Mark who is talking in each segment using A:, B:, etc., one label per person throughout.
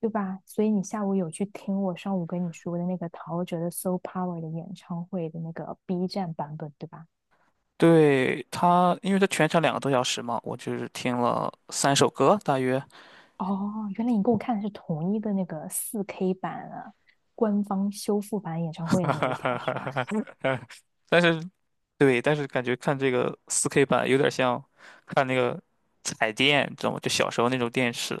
A: 对吧？所以你下午有去听我上午跟你说的那个陶喆的《s o Power》的演唱会的那个 B 站版本，对吧？
B: 对他，因为他全程2个多小时嘛，我就是听了三首歌大约。
A: 哦，原来你跟我看的是同一个那个四 k 版啊，官方修复版演唱会的那一条是吧？
B: 但是对，但是感觉看这个4K 版有点像看那个彩电，知道吗？就小时候那种电视，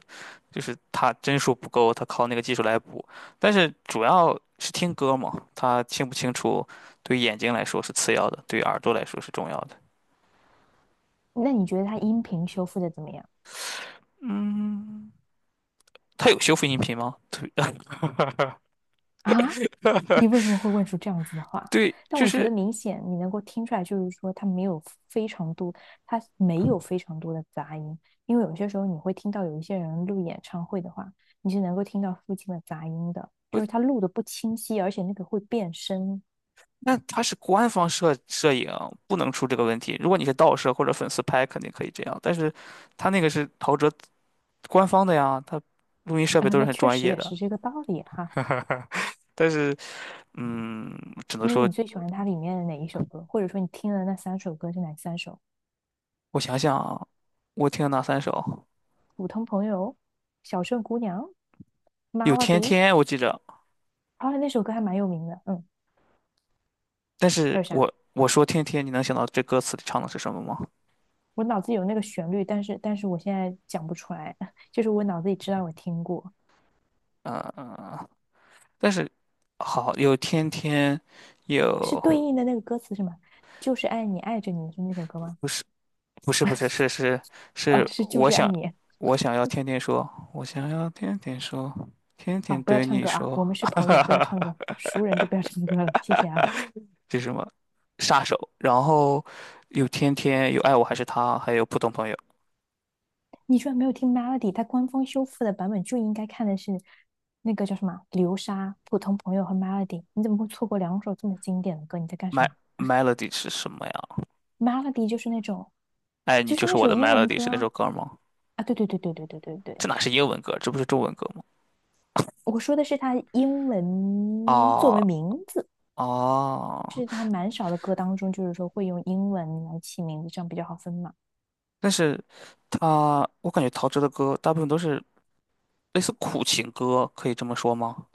B: 就是它帧数不够，它靠那个技术来补。但是主要是听歌嘛，它清不清楚对眼睛来说是次要的，对耳朵来说是重要的。
A: 那你觉得它音频修复的怎么样
B: 嗯，它有修复音频吗？对，
A: 啊？你为什么会问出这样子的话？
B: 对，
A: 但
B: 就
A: 我觉得
B: 是。
A: 明显你能够听出来，就是说他没有非常多，他没有非常多的杂音，因为有些时候你会听到有一些人录演唱会的话，你是能够听到附近的杂音的，就是他录的不清晰，而且那个会变声
B: 那它是官方摄影，不能出这个问题。如果你是盗摄或者粉丝拍，肯定可以这样。但是，他那个是陶喆官方的呀，他录音设
A: 啊，
B: 备都是
A: 那
B: 很
A: 确
B: 专
A: 实
B: 业
A: 也
B: 的。
A: 是这个道理哈。
B: 但是，嗯，只能
A: 那
B: 说
A: 你最喜欢它里面的哪一首歌？或者说你听的那三首歌是哪三首？
B: 我想想啊，我听了哪三首？
A: 普通朋友、小镇姑娘、
B: 有《天
A: Melody，
B: 天》，我记着。
A: 后来那首歌还蛮有名的，
B: 但
A: 还
B: 是
A: 有啥？
B: 我说《天天》，你能想到这歌词里唱的是什么吗？
A: 我脑子有那个旋律，但是我现在讲不出来，就是我脑子里知道我听过，
B: 嗯，嗯嗯。但是好，有《天天》，
A: 是对
B: 有
A: 应的那个歌词是吗？就是爱你，爱着你是那首歌吗？
B: 不是不是不是是是
A: 哦，
B: 是，
A: 是就
B: 我
A: 是爱
B: 想。
A: 你。
B: 我想要天天说，我想要天天说，天
A: 啊，
B: 天
A: 不要
B: 对
A: 唱
B: 你
A: 歌啊！
B: 说。
A: 我们是朋友，不要唱歌，熟人就不要唱歌了，谢谢啊！
B: 这是什么？杀手。然后有天天，有爱我还是他，还有普通朋友。
A: 你居然没有听 Melody，它官方修复的版本就应该看的是那个叫什么流沙、普通朋友和 Melody，你怎么会错过两首这么经典的歌？你在干什
B: My
A: 么
B: Melody 是什么呀？
A: ？Melody 就是那种，
B: 爱你
A: 就
B: 就
A: 是
B: 是
A: 那
B: 我
A: 首
B: 的
A: 英文
B: Melody
A: 歌
B: 是那首
A: 啊！
B: 歌吗？
A: 啊，对对对对对对对对，
B: 这哪是英文歌，这不是中文歌吗？
A: 我说的是他英文作为名字，
B: 啊
A: 就
B: 啊！
A: 是他蛮少的歌当中，就是说会用英文来起名字，这样比较好分嘛。
B: 但是我感觉陶喆的歌大部分都是类似苦情歌，可以这么说吗？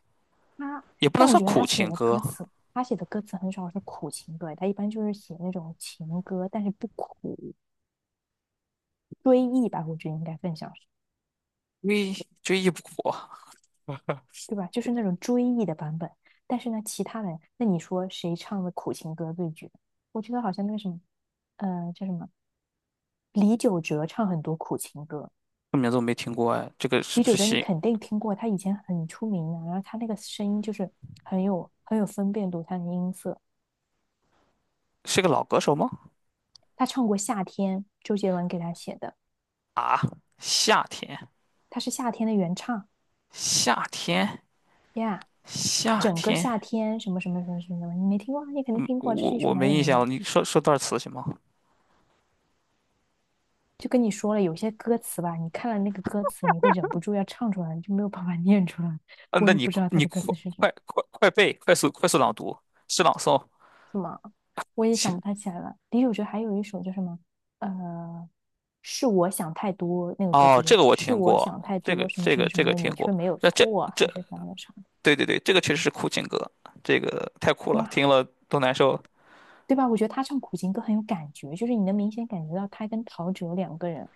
A: 他，
B: 也不能
A: 但我
B: 算
A: 觉得他
B: 苦
A: 写
B: 情
A: 的
B: 歌，
A: 歌词，他写的歌词很少是苦情歌，他一般就是写那种情歌，但是不苦，追忆吧，我觉得应该更像是，
B: 追忆不苦。
A: 对吧？就是那种追忆的版本。但是呢，其他人，那你说谁唱的苦情歌最绝？我觉得好像那个什么，叫什么，李玖哲唱很多苦情歌。
B: 这名字我没听过哎，这个是
A: 李
B: 不
A: 玖
B: 是
A: 哲你
B: 新？
A: 肯定听过，他以前很出名的，然后他那个声音就是很有很有分辨度，他的音色。
B: 是个老歌手吗？
A: 他唱过《夏天》，周杰伦给他写的，
B: 啊，夏天，
A: 他是《夏天》的原唱
B: 夏天，
A: 呀，Yeah，
B: 夏
A: 整个
B: 天。
A: 夏天什么什么什么什么什么，你没听过啊你肯定听过，这
B: 我
A: 是一首
B: 我
A: 蛮
B: 没
A: 有
B: 印
A: 名
B: 象了，
A: 的。
B: 你说说段词行吗？
A: 就跟你说了，有些歌词吧，你看了那个歌词，你会忍不住要唱出来，你就没有办法 念出来。
B: 嗯，
A: 我
B: 那
A: 也
B: 你
A: 不知道他
B: 你
A: 的歌
B: 快
A: 词是什么。
B: 快快快背，快速快速朗读，是朗诵。
A: 什么？我也想不太起来了。的确，我觉得还有一首叫什么，呃，是我想太多，那个歌
B: 哦，
A: 词
B: 这
A: 是
B: 个我
A: 是
B: 听
A: 我
B: 过，
A: 想太
B: 这个
A: 多，什么
B: 这
A: 什
B: 个
A: 么什
B: 这
A: 么
B: 个
A: 的，
B: 听
A: 你
B: 过，
A: 却没有
B: 这这
A: 错，还
B: 这，
A: 是啥啥啥的。
B: 对对对，这个确实是苦情歌，这个太酷了，听
A: 那
B: 了都难受。
A: 对吧？我觉得他唱苦情歌很有感觉，就是你能明显感觉到他跟陶喆两个人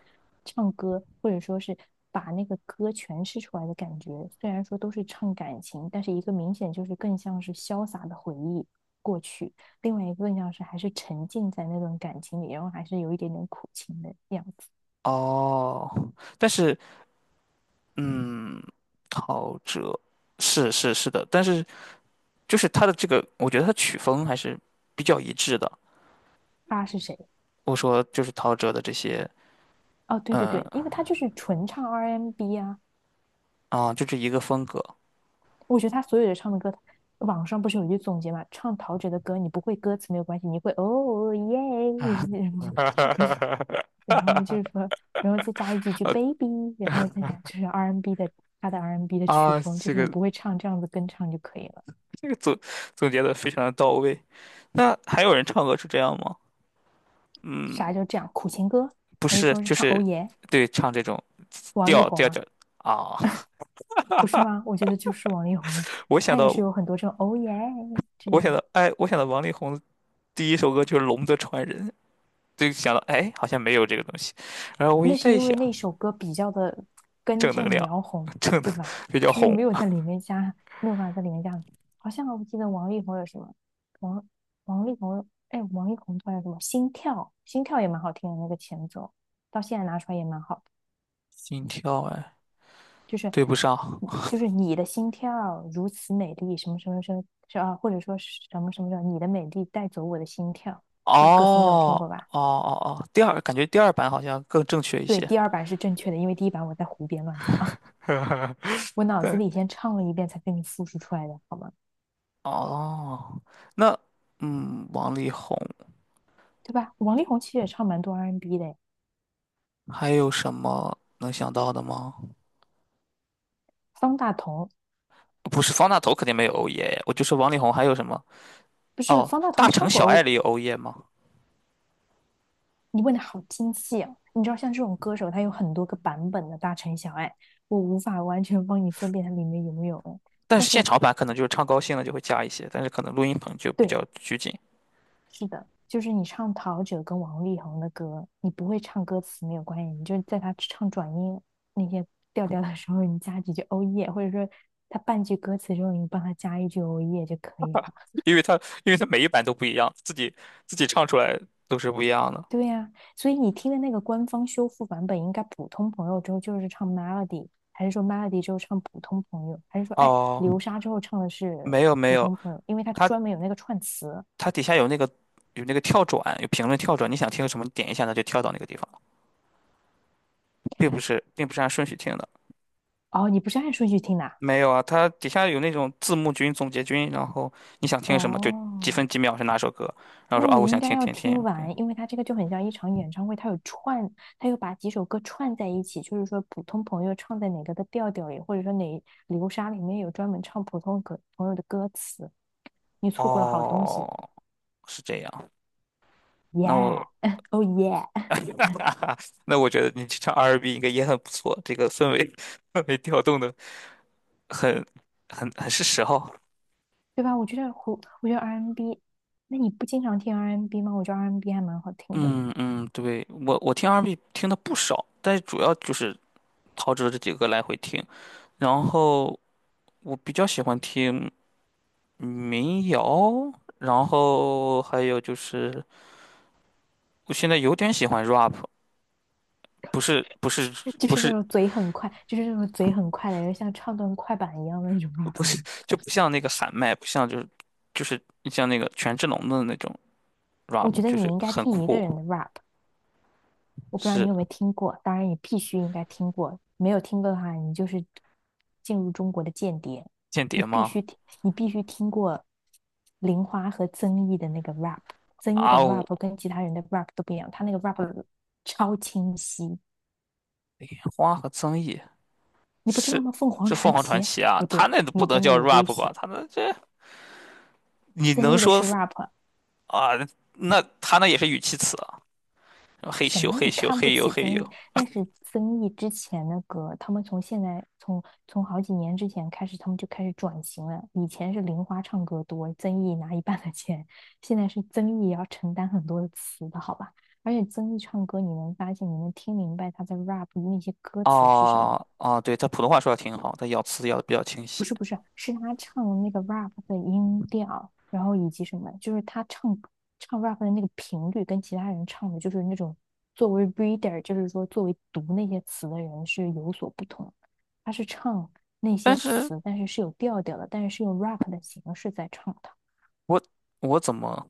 A: 唱歌，或者说是把那个歌诠释出来的感觉。虽然说都是唱感情，但是一个明显就是更像是潇洒的回忆过去，另外一个更像是还是沉浸在那段感情里，然后还是有一点点苦情的样子。
B: 哦，但是，嗯，陶喆是是是的，但是。就是他的这个，我觉得他曲风还是比较一致的。
A: 他是谁？
B: 我说就是陶喆的这些，
A: 哦，对对
B: 嗯
A: 对，因为他就是纯唱 R&B n 啊，
B: 就这一个风格
A: 我觉得他所有的唱的歌，网上不是有一句总结嘛，唱陶喆的歌，你不会歌词没有关系，你会哦耶，然后就是说，然后再加一几句 baby，然后再加就是 R&B n 的他的 R&B n 的曲
B: 啊。
A: 风，就
B: 这
A: 是你
B: 个
A: 不会唱这样子跟唱就可以了。
B: 这个总结的非常的到位。那还有人唱歌是这样吗？
A: 啥
B: 嗯，
A: 叫这样？苦情歌
B: 不
A: 还是
B: 是，
A: 说是
B: 就
A: 唱哦
B: 是
A: 耶？
B: 对唱这种
A: 王力
B: 调
A: 宏
B: 调
A: 啊，
B: 调啊。
A: 不是吗？我觉得就是王力宏呀，
B: 我想
A: 他也是
B: 到，
A: 有很多这种哦耶这
B: 我想
A: 种。
B: 到，哎，我想到王力宏第一首歌就是《龙的传人》，就想到，哎，好像没有这个东西。然后我一
A: 那是
B: 再一
A: 因
B: 想，
A: 为那首歌比较的根
B: 正能
A: 正
B: 量，
A: 苗红，
B: 正能
A: 对吧？
B: 比较
A: 就是
B: 红，
A: 没有在里面加，没有办法在里面加。好像我记得王力宏有什么，王王力宏，哎，王力宏突然什么心跳，心跳也蛮好听的那个前奏，到现在拿出来也蛮好的，
B: 心跳哎。
A: 就是
B: 对不上。
A: 就是你的心跳如此美丽，什么什么什么，是啊，或者说是什么什么什么，你的美丽带走我的心跳，这个歌词你总听
B: 哦
A: 过吧？
B: 哦哦哦，第二感觉第二版好像更正确一
A: 对，
B: 些。
A: 第二版是正确的，因为第一版我在胡编乱造。我脑子
B: 对，
A: 里先唱了一遍才给你复述出来的，好吗？
B: 哦，那，王力宏
A: 对吧？王力宏其实也唱蛮多 R&B N 的，
B: 还有什么能想到的吗？
A: 方大同
B: 不是方大同肯定没有欧耶，我就说王力宏还有什么？
A: 不是
B: 哦，
A: 方大
B: 《大
A: 同
B: 城
A: 唱过
B: 小
A: 欧，
B: 爱》里有欧耶吗？
A: 你问的好精细啊！你知道像这种歌手，他有很多个版本的大城小爱，我无法完全帮你分辨它里面有没有哎
B: 但
A: 但
B: 是
A: 是
B: 现场版可能就是唱高兴了就会加一些，但是可能录音棚就比
A: 对，
B: 较拘谨。
A: 是的，就是你唱陶喆跟王力宏的歌，你不会唱歌词没有关系，你就在他唱转音那些调调的时候，你加几句欧耶，或者说他半句歌词之后，你帮他加一句欧耶就可以了。
B: 因为它每一版都不一样，自己唱出来都是不一样的。
A: 对呀、所以你听的那个官方修复版本，应该普通朋友之后就是唱 Melody，还是说 Melody 之后唱普通朋友，还是说哎
B: 哦，
A: 流沙之后唱的是
B: 没有没
A: 普
B: 有。
A: 通朋友？因为它
B: 他
A: 专门有那个串词。
B: 它底下有那个，跳转，有评论跳转，你想听什么，你点一下它就跳到那个地方，并不是按顺序听的。
A: 哦，你不是按顺序听的啊
B: 没有啊，它底下有那种字幕君、总结君，然后你想听什么就几
A: 哦，
B: 分几秒是哪首歌，然后
A: 那
B: 说啊，我
A: 你应
B: 想
A: 该
B: 听
A: 要
B: 《听听
A: 听
B: 天。
A: 完，因为它这个就很像一场演唱会，它有串，它又把几首歌串在一起，就是说普通朋友唱在哪个的调调里，或者说哪流沙里面有专门唱普通歌朋友的歌词，你错过了好东西。
B: 哦，是这样。那
A: Yeah，
B: 我
A: o h yeah，
B: 那我觉得你去唱 R&B 应该也很不错，这个氛围 氛围调动的很很很是时候。
A: 对吧？我觉得胡，我觉得 R&B，n 那你不经常听 R&B n 吗？我觉得 R&B n 还蛮好听的，
B: 嗯嗯，对，我听 R&B 听的不少，但是主要就是陶喆这几个来回听。然后我比较喜欢听民谣，然后还有就是我现在有点喜欢 rap。不是不是
A: 就
B: 不
A: 是那
B: 是
A: 种嘴很快，就是那种嘴很快的，就像唱段快板一样的那种
B: 不是，
A: rap。
B: 就不像那个喊麦，不像，就是像那个权志龙的那种
A: 我
B: rap,
A: 觉得
B: 就是
A: 你应该
B: 很
A: 听一个
B: 酷。
A: 人的 rap，我不知道
B: 是
A: 你有没有听过，当然你必须应该听过，没有听过的话，你就是进入中国的间谍。
B: 间
A: 你
B: 谍
A: 必
B: 吗？
A: 须听，你必须听过玲花和曾毅的那个 rap，曾毅的
B: 啊呜，
A: rap 跟其他人的 rap 都不一样，他那个 rap 超清晰，
B: 花和曾毅。
A: 你不知道
B: 是，
A: 吗？凤凰
B: 这凤
A: 传
B: 凰传
A: 奇
B: 奇啊，
A: 不
B: 他
A: 对，
B: 那都不
A: 你
B: 能
A: 真的
B: 叫
A: 有危
B: rap 吧？
A: 险。
B: 他那这你
A: 曾
B: 能
A: 毅的
B: 说
A: 是 rap，
B: 啊？那他那也是语气词。嘿
A: 什
B: 咻
A: 么？
B: 嘿
A: 你
B: 咻
A: 看不
B: 嘿呦
A: 起
B: 嘿
A: 曾毅？
B: 呦。
A: 那是曾毅之前的歌，他们从现在从从好几年之前开始，他们就开始转型了。以前是玲花唱歌多，曾毅拿一半的钱，现在是曾毅也要承担很多的词的，好吧？而且曾毅唱歌，你能发现，你能听明白他在 rap 那些歌词是什么。
B: 哦哦，对，他普通话说的挺好，他咬词咬的比较清
A: 不
B: 晰。
A: 是不是，是他唱那个 rap 的音调，然后以及什么，就是他唱唱 rap 的那个频率跟其他人唱的，就是那种作为 reader，就是说作为读那些词的人是有所不同。他是唱那
B: 但
A: 些
B: 是
A: 词，但是是有调调的，但是是用 rap 的形式在唱的。
B: 我我怎么，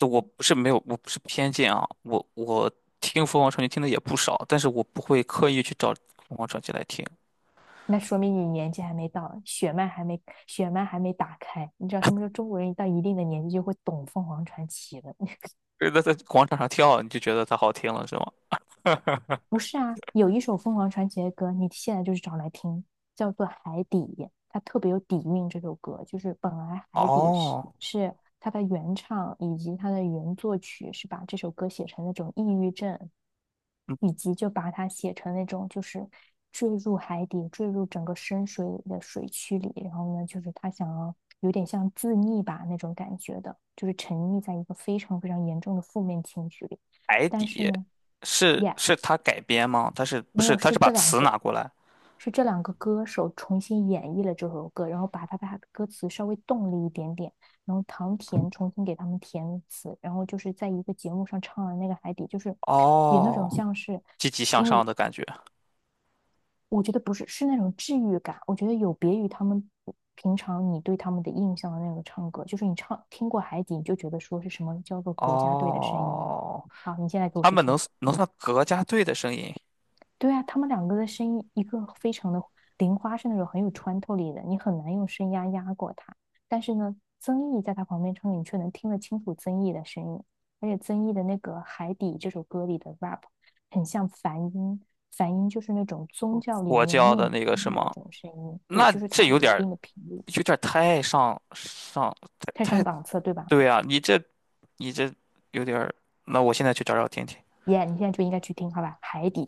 B: 我不是没有，我不是偏见啊，我听凤凰传奇听的也不少，但是我不会刻意去找凤凰传奇来听。
A: 那说明你年纪还没到，血脉还没打开。你知道，他们说中国人到一定的年纪就会懂凤凰传奇的。
B: 就是他在广场上跳，你就觉得它好听了，是吗？
A: 不是啊，有一首凤凰传奇的歌，你现在就是找来听，叫做《海底》，它特别有底蕴。这首歌就是本来《海底》是
B: 哦，
A: 是它的原唱以及它的原作曲是把这首歌写成那种抑郁症，
B: 嗯
A: 以及就把它写成那种就是坠入海底、坠入整个深水里的水区里，然后呢，就是他想要有点像自溺吧那种感觉的，就是沉溺在一个非常非常严重的负面情绪里，
B: 白
A: 但是
B: 底。
A: 呢。
B: 是
A: 也
B: 是他改编吗？他是不
A: 没
B: 是
A: 有，
B: 他
A: 是
B: 是把
A: 这两
B: 词拿
A: 个，
B: 过来？
A: 是这两个歌手重新演绎了这首歌，然后把他把的歌词稍微动了一点点，然后唐甜重新给他们填词，然后就是在一个节目上唱了那个《海底》，就是有那种
B: 哦，
A: 像是，
B: 积极向上的感觉。
A: 我觉得不是，是那种治愈感，我觉得有别于他们平常你对他们的印象的那个唱歌，就是你唱听过《海底》，你就觉得说是什么叫做国家队的声音了。
B: 哦。
A: 好，你现在给我
B: 他
A: 去
B: 们
A: 听。
B: 能算国家队的声音，
A: 对啊，他们两个的声音，一个非常的玲花是那种很有穿透力的，你很难用声压压过他。但是呢，曾毅在他旁边唱歌你却能听得清楚曾毅的声音。而且曾毅的那个《海底》这首歌里的 rap 很像梵音，梵音就是那种宗教里
B: 我
A: 面
B: 教的
A: 念
B: 那个
A: 经
B: 什
A: 的那
B: 么，
A: 种声音，对，
B: 那
A: 就是它
B: 这
A: 有
B: 有点
A: 一
B: 儿
A: 定的频率，
B: 有点儿太上上
A: 太
B: 太
A: 上
B: 太
A: 档次，对吧？
B: 对啊，你这有点儿。那我现在去找找听听。
A: 耶、yeah, 你现在就应该去听，好吧，《海底》。